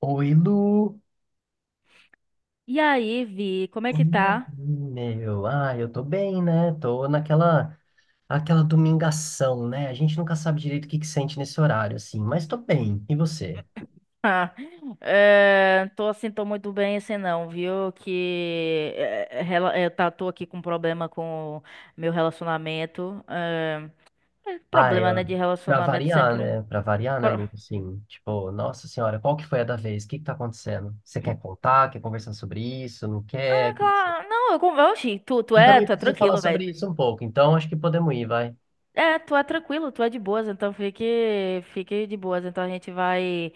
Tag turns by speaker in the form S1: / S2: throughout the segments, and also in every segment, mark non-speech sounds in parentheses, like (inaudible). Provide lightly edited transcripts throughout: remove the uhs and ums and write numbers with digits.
S1: Oi, Lu.
S2: E aí, Vi, como é
S1: E
S2: que tá?
S1: aí, meu? Ah, eu tô bem, né? Tô naquela aquela domingação, né? A gente nunca sabe direito o que que sente nesse horário, assim, mas tô bem. E você?
S2: Ah, Tô assim, tô muito bem assim não, viu? Que eh, rela- eh, tá, Tô aqui com problema com meu relacionamento. É
S1: Ah,
S2: problema,
S1: eu,
S2: né, de
S1: pra
S2: relacionamento
S1: variar,
S2: sempre.
S1: né? Pra variar, né,
S2: Pro-
S1: Lu? Assim, tipo, nossa senhora, qual que foi a da vez? O que que tá acontecendo? Você quer contar? Quer conversar sobre isso? Não
S2: Ah,
S1: quer? O que que você-
S2: claro. Não, eu, con- tu,
S1: Eu também
S2: tu é
S1: preciso falar
S2: tranquilo, velho.
S1: sobre isso um pouco, então acho que podemos ir, vai.
S2: É, tu é tranquilo, tu é de boas, então fique de boas. Então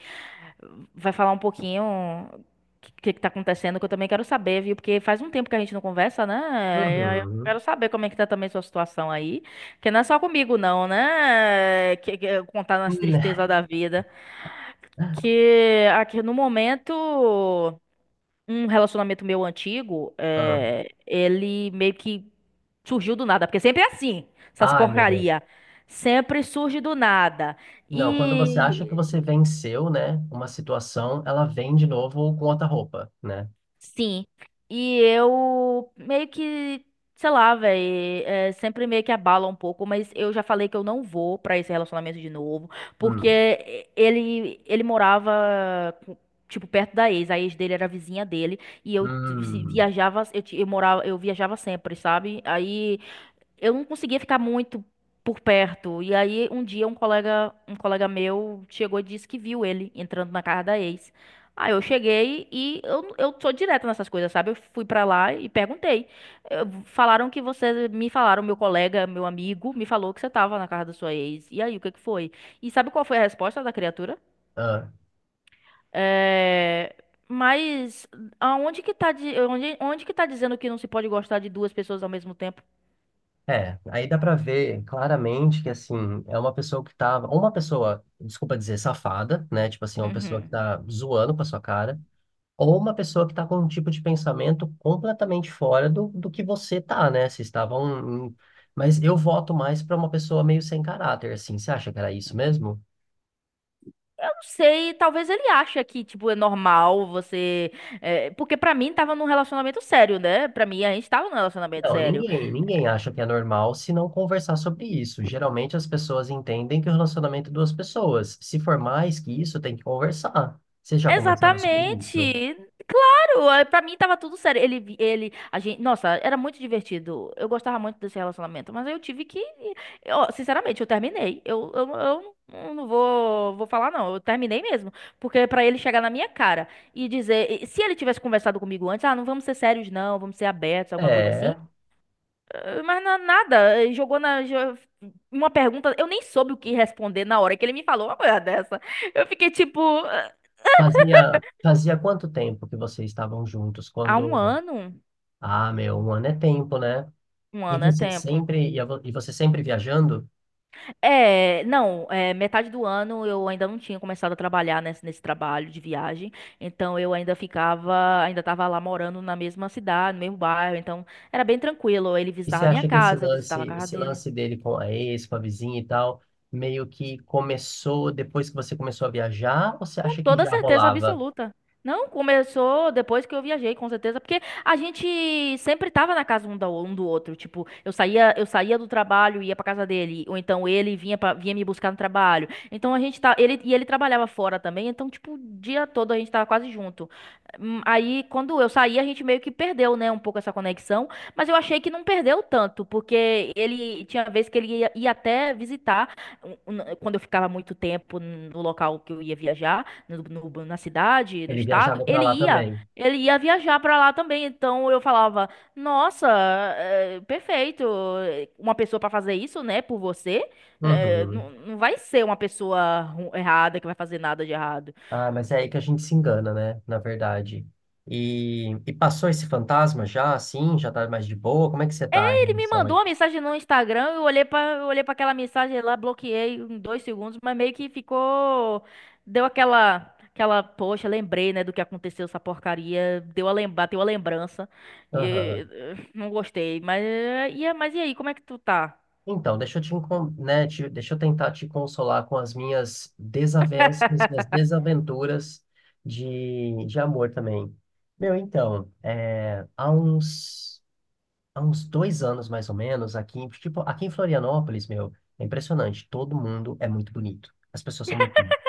S2: vai falar um pouquinho que tá acontecendo, que eu também quero saber, viu? Porque faz um tempo que a gente não conversa, né? E aí eu
S1: Uhum.
S2: quero saber como é que tá também sua situação aí. Que não é só comigo, não, né? Contar nas
S1: Hum.
S2: tristezas da vida.
S1: (laughs)
S2: Que aqui no momento um relacionamento meu antigo,
S1: Ah,
S2: é, ele meio que surgiu do nada, porque sempre é assim, essas
S1: ai, meu.
S2: porcaria. Sempre surge do nada.
S1: Não, quando você acha que
S2: E
S1: você venceu, né, uma situação, ela vem de novo com outra roupa, né?
S2: Sim. E eu meio que, sei lá, velho, sempre meio que abala um pouco, mas eu já falei que eu não vou pra esse relacionamento de novo,
S1: Hum,
S2: porque ele morava com- tipo perto da ex, a ex dele era a vizinha dele e eu vi- se-
S1: hum,
S2: viajava, eu morava, eu viajava sempre, sabe? Aí eu não conseguia ficar muito por perto. E aí um dia um colega meu chegou e disse que viu ele entrando na casa da ex. Aí eu cheguei e eu sou direta nessas coisas, sabe? Eu fui pra lá e perguntei. Me falaram, meu colega, meu amigo, me falou que você tava na casa da sua ex. E aí, o que que foi? E sabe qual foi a resposta da criatura?
S1: ah.
S2: É, mas aonde que tá, di- onde, onde que tá dizendo que não se pode gostar de duas pessoas ao mesmo tempo?
S1: É, aí dá pra ver claramente que, assim, é uma pessoa que tava, ou uma pessoa, desculpa dizer, safada, né? Tipo assim, uma pessoa que
S2: Uhum.
S1: tá zoando com a sua cara, ou uma pessoa que tá com um tipo de pensamento completamente fora do que você tá, né? Vocês estavam em- Mas eu voto mais pra uma pessoa meio sem caráter, assim. Você acha que era isso mesmo?
S2: Não sei, talvez ele ache que, tipo, é normal você. É, porque pra mim tava num relacionamento sério, né? Pra mim a gente tava num relacionamento
S1: Não,
S2: sério.
S1: ninguém acha que é normal se não conversar sobre isso. Geralmente as pessoas entendem que o relacionamento é duas pessoas. Se for mais que isso, tem que conversar. Vocês já conversaram sobre isso?
S2: Exatamente! Claro! Pra mim tava tudo sério. A gente, nossa, era muito divertido. Eu gostava muito desse relacionamento, mas eu tive que. Ó, sinceramente, eu terminei. Eu vou falar, não. Eu terminei mesmo. Porque é pra ele chegar na minha cara e dizer. Se ele tivesse conversado comigo antes, ah, não vamos ser sérios, não, vamos ser abertos, alguma coisa assim.
S1: É.
S2: Mas nada, jogou uma pergunta, eu nem soube o que responder na hora que ele me falou uma coisa dessa. Eu fiquei tipo, eh,
S1: Fazia quanto tempo que vocês estavam juntos?
S2: há um
S1: Quando.
S2: ano?
S1: Ah, meu, um ano é tempo, né?
S2: Um ano é tempo.
S1: E você sempre viajando?
S2: É, não, É, metade do ano eu ainda não tinha começado a trabalhar nesse trabalho de viagem, então ainda tava lá morando na mesma cidade, no mesmo bairro, então era bem tranquilo. Ele
S1: E você
S2: visitava a minha
S1: acha que
S2: casa, eu visitava a casa
S1: esse
S2: dele.
S1: lance dele com a ex, com a vizinha e tal, meio que começou depois que você começou a viajar? Ou você
S2: Com
S1: acha que
S2: toda
S1: já
S2: certeza
S1: rolava?
S2: absoluta. Não, começou depois que eu viajei, com certeza, porque a gente sempre tava na casa um do outro, tipo, eu saía do trabalho e ia pra casa dele, ou então vinha me buscar no trabalho. Então a gente tá, ele e Ele trabalhava fora também, então tipo, o dia todo a gente tava quase junto. Hum. Aí quando eu saí, a gente meio que perdeu, né, um pouco essa conexão, mas eu achei que não perdeu tanto, porque ele tinha vez que ia até visitar quando eu ficava muito tempo no local que eu ia viajar na cidade, no
S1: Ele
S2: estado,
S1: viajava para lá também.
S2: ele ia viajar pra lá também. Então eu falava, nossa, é, perfeito, uma pessoa pra fazer isso, né, por você,
S1: Uhum.
S2: não vai ser uma pessoa errada que vai fazer nada de errado.
S1: Ah, mas é aí que a gente se engana, né? Na verdade. E passou esse fantasma já, assim? Já tá mais de boa? Como é que você tá em
S2: Ele me
S1: relação a
S2: mandou uma
S1: isso?
S2: mensagem no Instagram, eu olhei para aquela mensagem lá, bloqueei em dois segundos, mas meio que ficou, deu aquela, poxa, lembrei, né, do que aconteceu essa porcaria, deu a lembrança,
S1: Aham.
S2: não gostei, mas, mas e aí, como é que tu tá?
S1: Então, deixa eu tentar te consolar com as minhas desavenças, minhas
S2: (laughs)
S1: desaventuras de amor também. Meu, então, há uns 2 anos mais ou menos, aqui, tipo, aqui em Florianópolis, meu, é impressionante. Todo mundo é muito bonito. As pessoas são muito bonitas.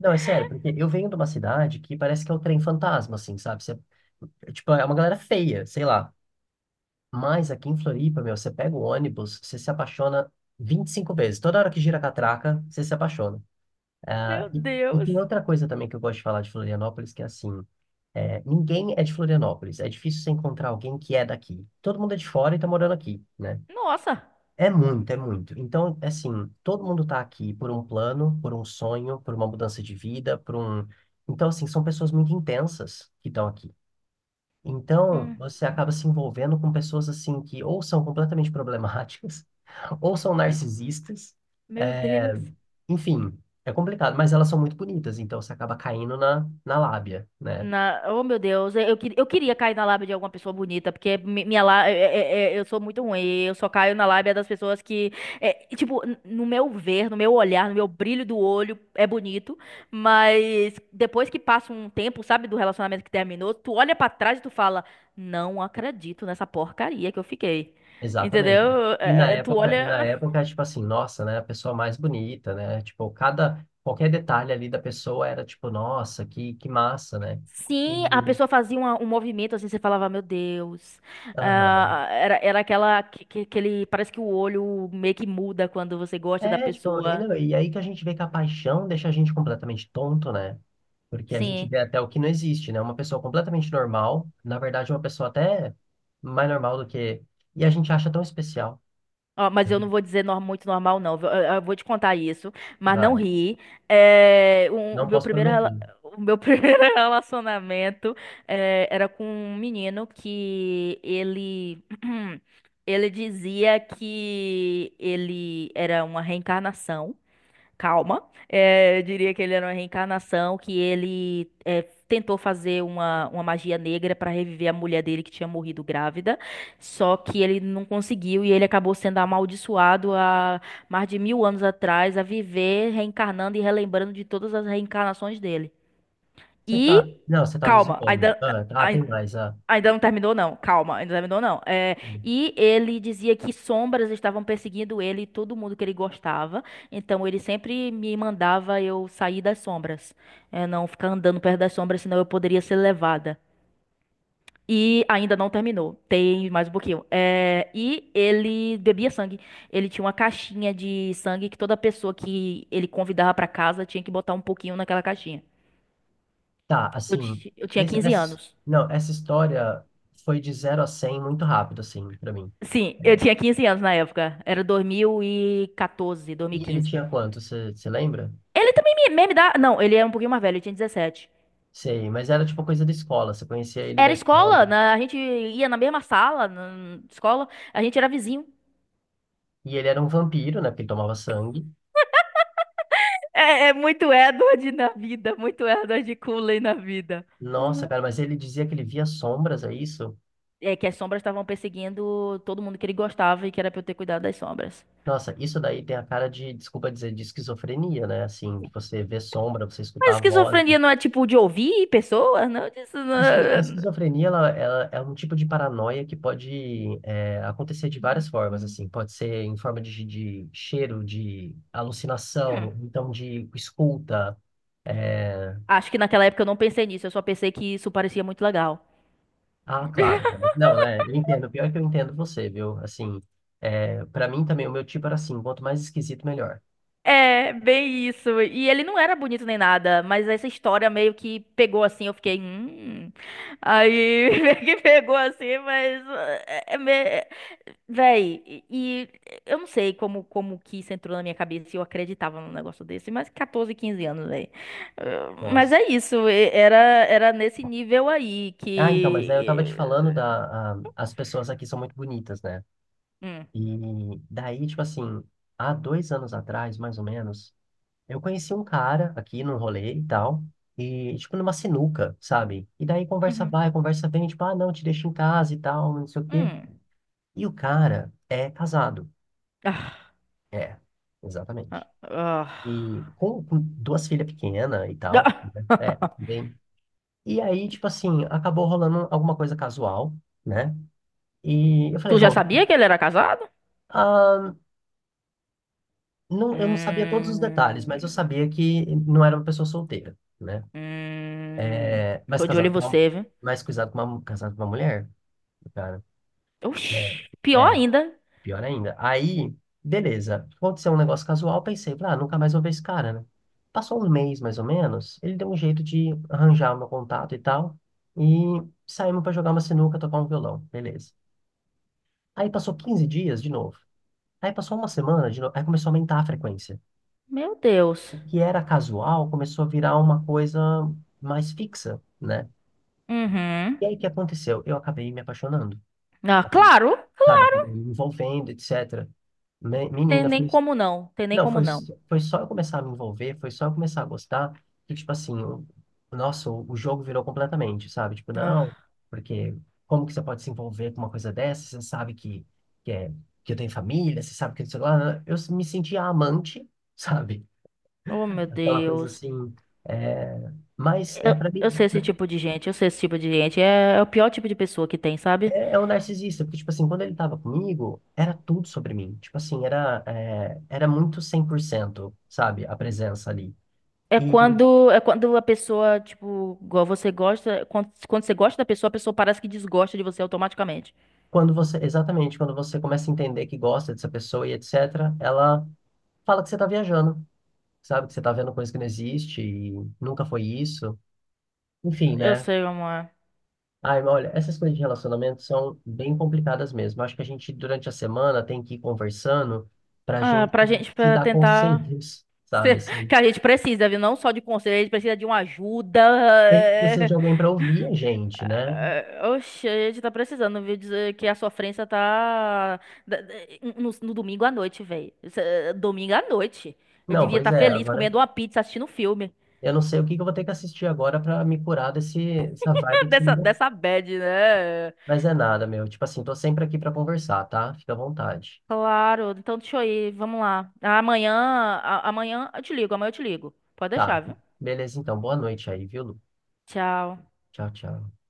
S1: Não, é sério, porque eu venho de uma cidade que parece que é o trem fantasma, assim, sabe? Você, tipo, é uma galera feia, sei lá. Mas aqui em Floripa, meu, você pega o ônibus, você se apaixona 25 vezes. Toda hora que gira a catraca, você se apaixona. Ah,
S2: Meu
S1: e
S2: Deus,
S1: tem outra coisa também que eu gosto de falar de Florianópolis, que é assim, ninguém é de Florianópolis. É difícil você encontrar alguém que é daqui. Todo mundo é de fora e tá morando aqui, né?
S2: nossa.
S1: É muito, é muito. Então, é assim, todo mundo está aqui por um plano, por um sonho, por uma mudança de vida, por um. Então, assim, são pessoas muito intensas que estão aqui. Então, você
S2: Hum.
S1: acaba se envolvendo com pessoas, assim, que ou são completamente problemáticas, (laughs) ou são narcisistas.
S2: Meu
S1: é,
S2: Deus.
S1: Enfim, é complicado, mas elas são muito bonitas, então você acaba caindo na lábia, né?
S2: Na... Oh, meu Deus, eu queria cair na lábia de alguma pessoa bonita, porque minha lá... eu sou muito ruim, eu só caio na lábia das pessoas que, é, tipo, no meu ver, no meu olhar, no meu brilho do olho, é bonito, mas depois que passa um tempo, sabe, do relacionamento que terminou, tu olha pra trás e tu fala, não acredito nessa porcaria que eu fiquei,
S1: Exatamente.
S2: entendeu?
S1: E na
S2: É, é, tu
S1: época, e na
S2: olha...
S1: época, tipo assim, nossa, né, a pessoa mais bonita, né? Tipo, cada qualquer detalhe ali da pessoa era tipo, nossa, que massa, né?
S2: Sim, a
S1: E
S2: pessoa fazia um movimento assim, você falava, meu Deus.
S1: aham.
S2: Ah, era aquela que parece que o olho meio que muda quando você gosta da
S1: É, tipo, e,
S2: pessoa.
S1: não, e aí que a gente vê que a paixão deixa a gente completamente tonto, né? Porque a gente
S2: Sim.
S1: vê até o que não existe, né? Uma pessoa completamente normal, na verdade, uma pessoa até mais normal do que e a gente acha tão especial.
S2: Ó,
S1: A
S2: mas eu
S1: gente-
S2: não vou dizer muito normal, não. Eu vou te contar isso, mas não
S1: Vai,
S2: ri. É, o
S1: não
S2: meu
S1: posso
S2: primeiro,
S1: prometer.
S2: o meu (laughs) primeiro relacionamento é, era com um menino que ele. (clears throat) Ele dizia que ele era uma reencarnação. Calma. É, eu diria que ele era uma reencarnação, que ele é, tentou fazer uma magia negra para reviver a mulher dele que tinha morrido grávida, só que ele não conseguiu e ele acabou sendo amaldiçoado há mais de 1000 anos atrás a viver reencarnando e relembrando de todas as reencarnações dele.
S1: Você tá,
S2: E
S1: não, você tá me
S2: Calma,
S1: zoando.
S2: ainda.
S1: Ah, tá, tem mais, ah.
S2: Ainda não terminou, não. Calma, ainda não terminou, não. É, e ele dizia que sombras estavam perseguindo ele e todo mundo que ele gostava. Então ele sempre me mandava eu sair das sombras. É, não ficar andando perto das sombras, senão eu poderia ser levada. E ainda não terminou. Tem mais um pouquinho. É, e ele bebia sangue. Ele tinha uma caixinha de sangue que toda pessoa que ele convidava pra casa tinha que botar um pouquinho naquela caixinha.
S1: Tá, assim,
S2: Eu tinha
S1: esse,
S2: 15
S1: essa,
S2: anos.
S1: não, essa história foi de zero a 100 muito rápido, assim, pra mim.
S2: Sim, eu
S1: É.
S2: tinha 15 anos na época. Era 2014,
S1: E ele
S2: quinze.
S1: tinha quanto, você lembra?
S2: Ele também me dá. Não, ele é um pouquinho mais velho, ele tinha 17.
S1: Sei, mas era tipo coisa da escola, você conhecia ele da
S2: Era
S1: escola.
S2: escola, né? A gente ia na mesma sala, na escola, a gente era vizinho.
S1: E ele era um vampiro, né, porque ele tomava sangue.
S2: É, é muito Edward na vida, muito Edward Cullen na vida.
S1: Nossa, cara, mas ele dizia que ele via sombras, é isso?
S2: É que as sombras estavam perseguindo todo mundo que ele gostava e que era pra eu ter cuidado das sombras.
S1: Nossa, isso daí tem a cara de, desculpa dizer, de esquizofrenia, né? Assim, você vê sombra, você
S2: Mas
S1: escutar vozes.
S2: esquizofrenia não é tipo de ouvir pessoas, não? Disso
S1: A
S2: não-
S1: esquizofrenia, ela é um tipo de paranoia que pode acontecer de várias formas, assim. Pode ser em forma de cheiro, de alucinação,
S2: Hum.
S1: então de escuta. é,
S2: Acho que naquela época eu não pensei nisso, eu só pensei que isso parecia muito legal.
S1: Ah, claro. Né? Não, né? Eu entendo. Pior é que eu entendo você, viu? Assim, para mim também, o meu tipo era assim, quanto mais esquisito, melhor.
S2: É, bem isso. E ele não era bonito nem nada, mas essa história meio que pegou assim, eu fiquei. Aí (laughs) meio que pegou assim, mas eh, é, me- é- véi, eu não sei como que isso entrou na minha cabeça e eu acreditava num negócio desse, mas 14 15 anos, véi. Mas
S1: Nossa.
S2: é isso, era nesse nível aí
S1: Ah, então, mas
S2: que
S1: aí eu tava te falando As pessoas aqui são muito bonitas, né?
S2: hum.
S1: E daí, tipo assim, há 2 anos atrás, mais ou menos. Eu conheci um cara aqui num rolê e tal, e tipo numa sinuca, sabe? E daí conversa
S2: Uhum.
S1: vai, conversa vem, tipo, ah, não, te deixo em casa e tal, não sei o quê.
S2: Hum.
S1: E o cara é casado.
S2: Ah,
S1: É,
S2: ah,
S1: exatamente.
S2: ah.
S1: E com duas filhas pequenas e tal. Né? É,
S2: Ah.
S1: bem. E aí, tipo assim, acabou rolando alguma coisa casual, né? E eu falei,
S2: Tu já
S1: bom,
S2: sabia que ele era casado?
S1: ah, não, eu não sabia todos os detalhes, mas eu
S2: Hum,
S1: sabia que não era uma pessoa solteira, né?
S2: hum,
S1: É, mas
S2: tô de olho em
S1: casado com uma,
S2: você, viu?
S1: mas cuidado com uma, casado com uma mulher. Cara.
S2: Oxi, pior
S1: É, é,
S2: ainda.
S1: pior ainda. Aí, beleza. Aconteceu um negócio casual, pensei, ah, nunca mais vou ver esse cara, né? Passou um mês, mais ou menos, ele deu um jeito de arranjar o meu contato e tal, e saímos pra jogar uma sinuca, tocar um violão, beleza. Aí passou 15 dias de novo. Aí passou uma semana de novo, aí começou a aumentar a frequência.
S2: Meu Deus.
S1: O que era casual começou a virar uma coisa mais fixa, né?
S2: Uhum.
S1: E aí o que aconteceu? Eu acabei me apaixonando,
S2: Ah, claro.
S1: sabe? Acabei me envolvendo, etc.
S2: Tem
S1: Menina,
S2: nem
S1: foi.
S2: como não. Tem nem
S1: Não,
S2: como
S1: foi,
S2: não.
S1: foi só eu começar a me envolver, foi só eu começar a gostar, que, tipo assim, nossa, o jogo virou completamente, sabe? Tipo, não,
S2: Ah,
S1: porque como que você pode se envolver com uma coisa dessa? Você sabe que, é, que eu tenho família, você sabe que sei lá, né? Eu me sentia amante, (laughs) sabe?
S2: oh, meu
S1: Aquela coisa
S2: Deus.
S1: assim, é, mas é pra
S2: Eu
S1: mim,
S2: sei esse tipo de gente. Eu sei esse tipo de gente. É, é o pior tipo de pessoa que tem, sabe?
S1: é o narcisista, porque, tipo assim, quando ele tava comigo, era tudo sobre mim, tipo assim, era muito 100%, sabe? A presença ali. e
S2: É quando a pessoa, tipo, igual você gosta. Quando você gosta da pessoa, a pessoa parece que desgosta de você automaticamente.
S1: Quando você, exatamente, quando você começa a entender que gosta dessa pessoa e etc., ela fala que você tá viajando, sabe? Que você tá vendo coisa que não existe e nunca foi isso. Enfim,
S2: Eu
S1: né?
S2: sei, amor.
S1: Ai, mas olha, essas coisas de relacionamento são bem complicadas mesmo. Acho que a gente, durante a semana, tem que ir conversando pra
S2: Ah,
S1: gente
S2: pra gente,
S1: se
S2: pra
S1: dar
S2: tentar.
S1: conselhos, sabe?
S2: (laughs)
S1: Assim,
S2: Que a gente precisa, viu? Não só de conselho, a gente precisa de uma ajuda.
S1: e a gente precisa de
S2: É.
S1: alguém pra ouvir a gente, né?
S2: Ah, Oxe, a gente tá precisando, viu? Dizer que a sofrência tá. da- da- No, no domingo à noite, velho. Domingo à noite. Eu
S1: Não,
S2: devia
S1: pois
S2: estar
S1: é,
S2: feliz
S1: agora
S2: comendo uma pizza, assistindo um filme.
S1: eu não sei o que que eu vou ter que assistir agora pra me curar desse, dessa vibe
S2: (laughs)
S1: que você me.
S2: Dessa, dessa bad, né?
S1: Mas é nada, meu. Tipo assim, tô sempre aqui pra conversar, tá? Fica à vontade.
S2: Claro, então deixa eu ir, vamos lá. Amanhã, amanhã eu te ligo, amanhã eu te ligo. Pode deixar,
S1: Tá.
S2: viu?
S1: Beleza, então. Boa noite aí, viu, Lu?
S2: Tchau.
S1: Tchau, tchau.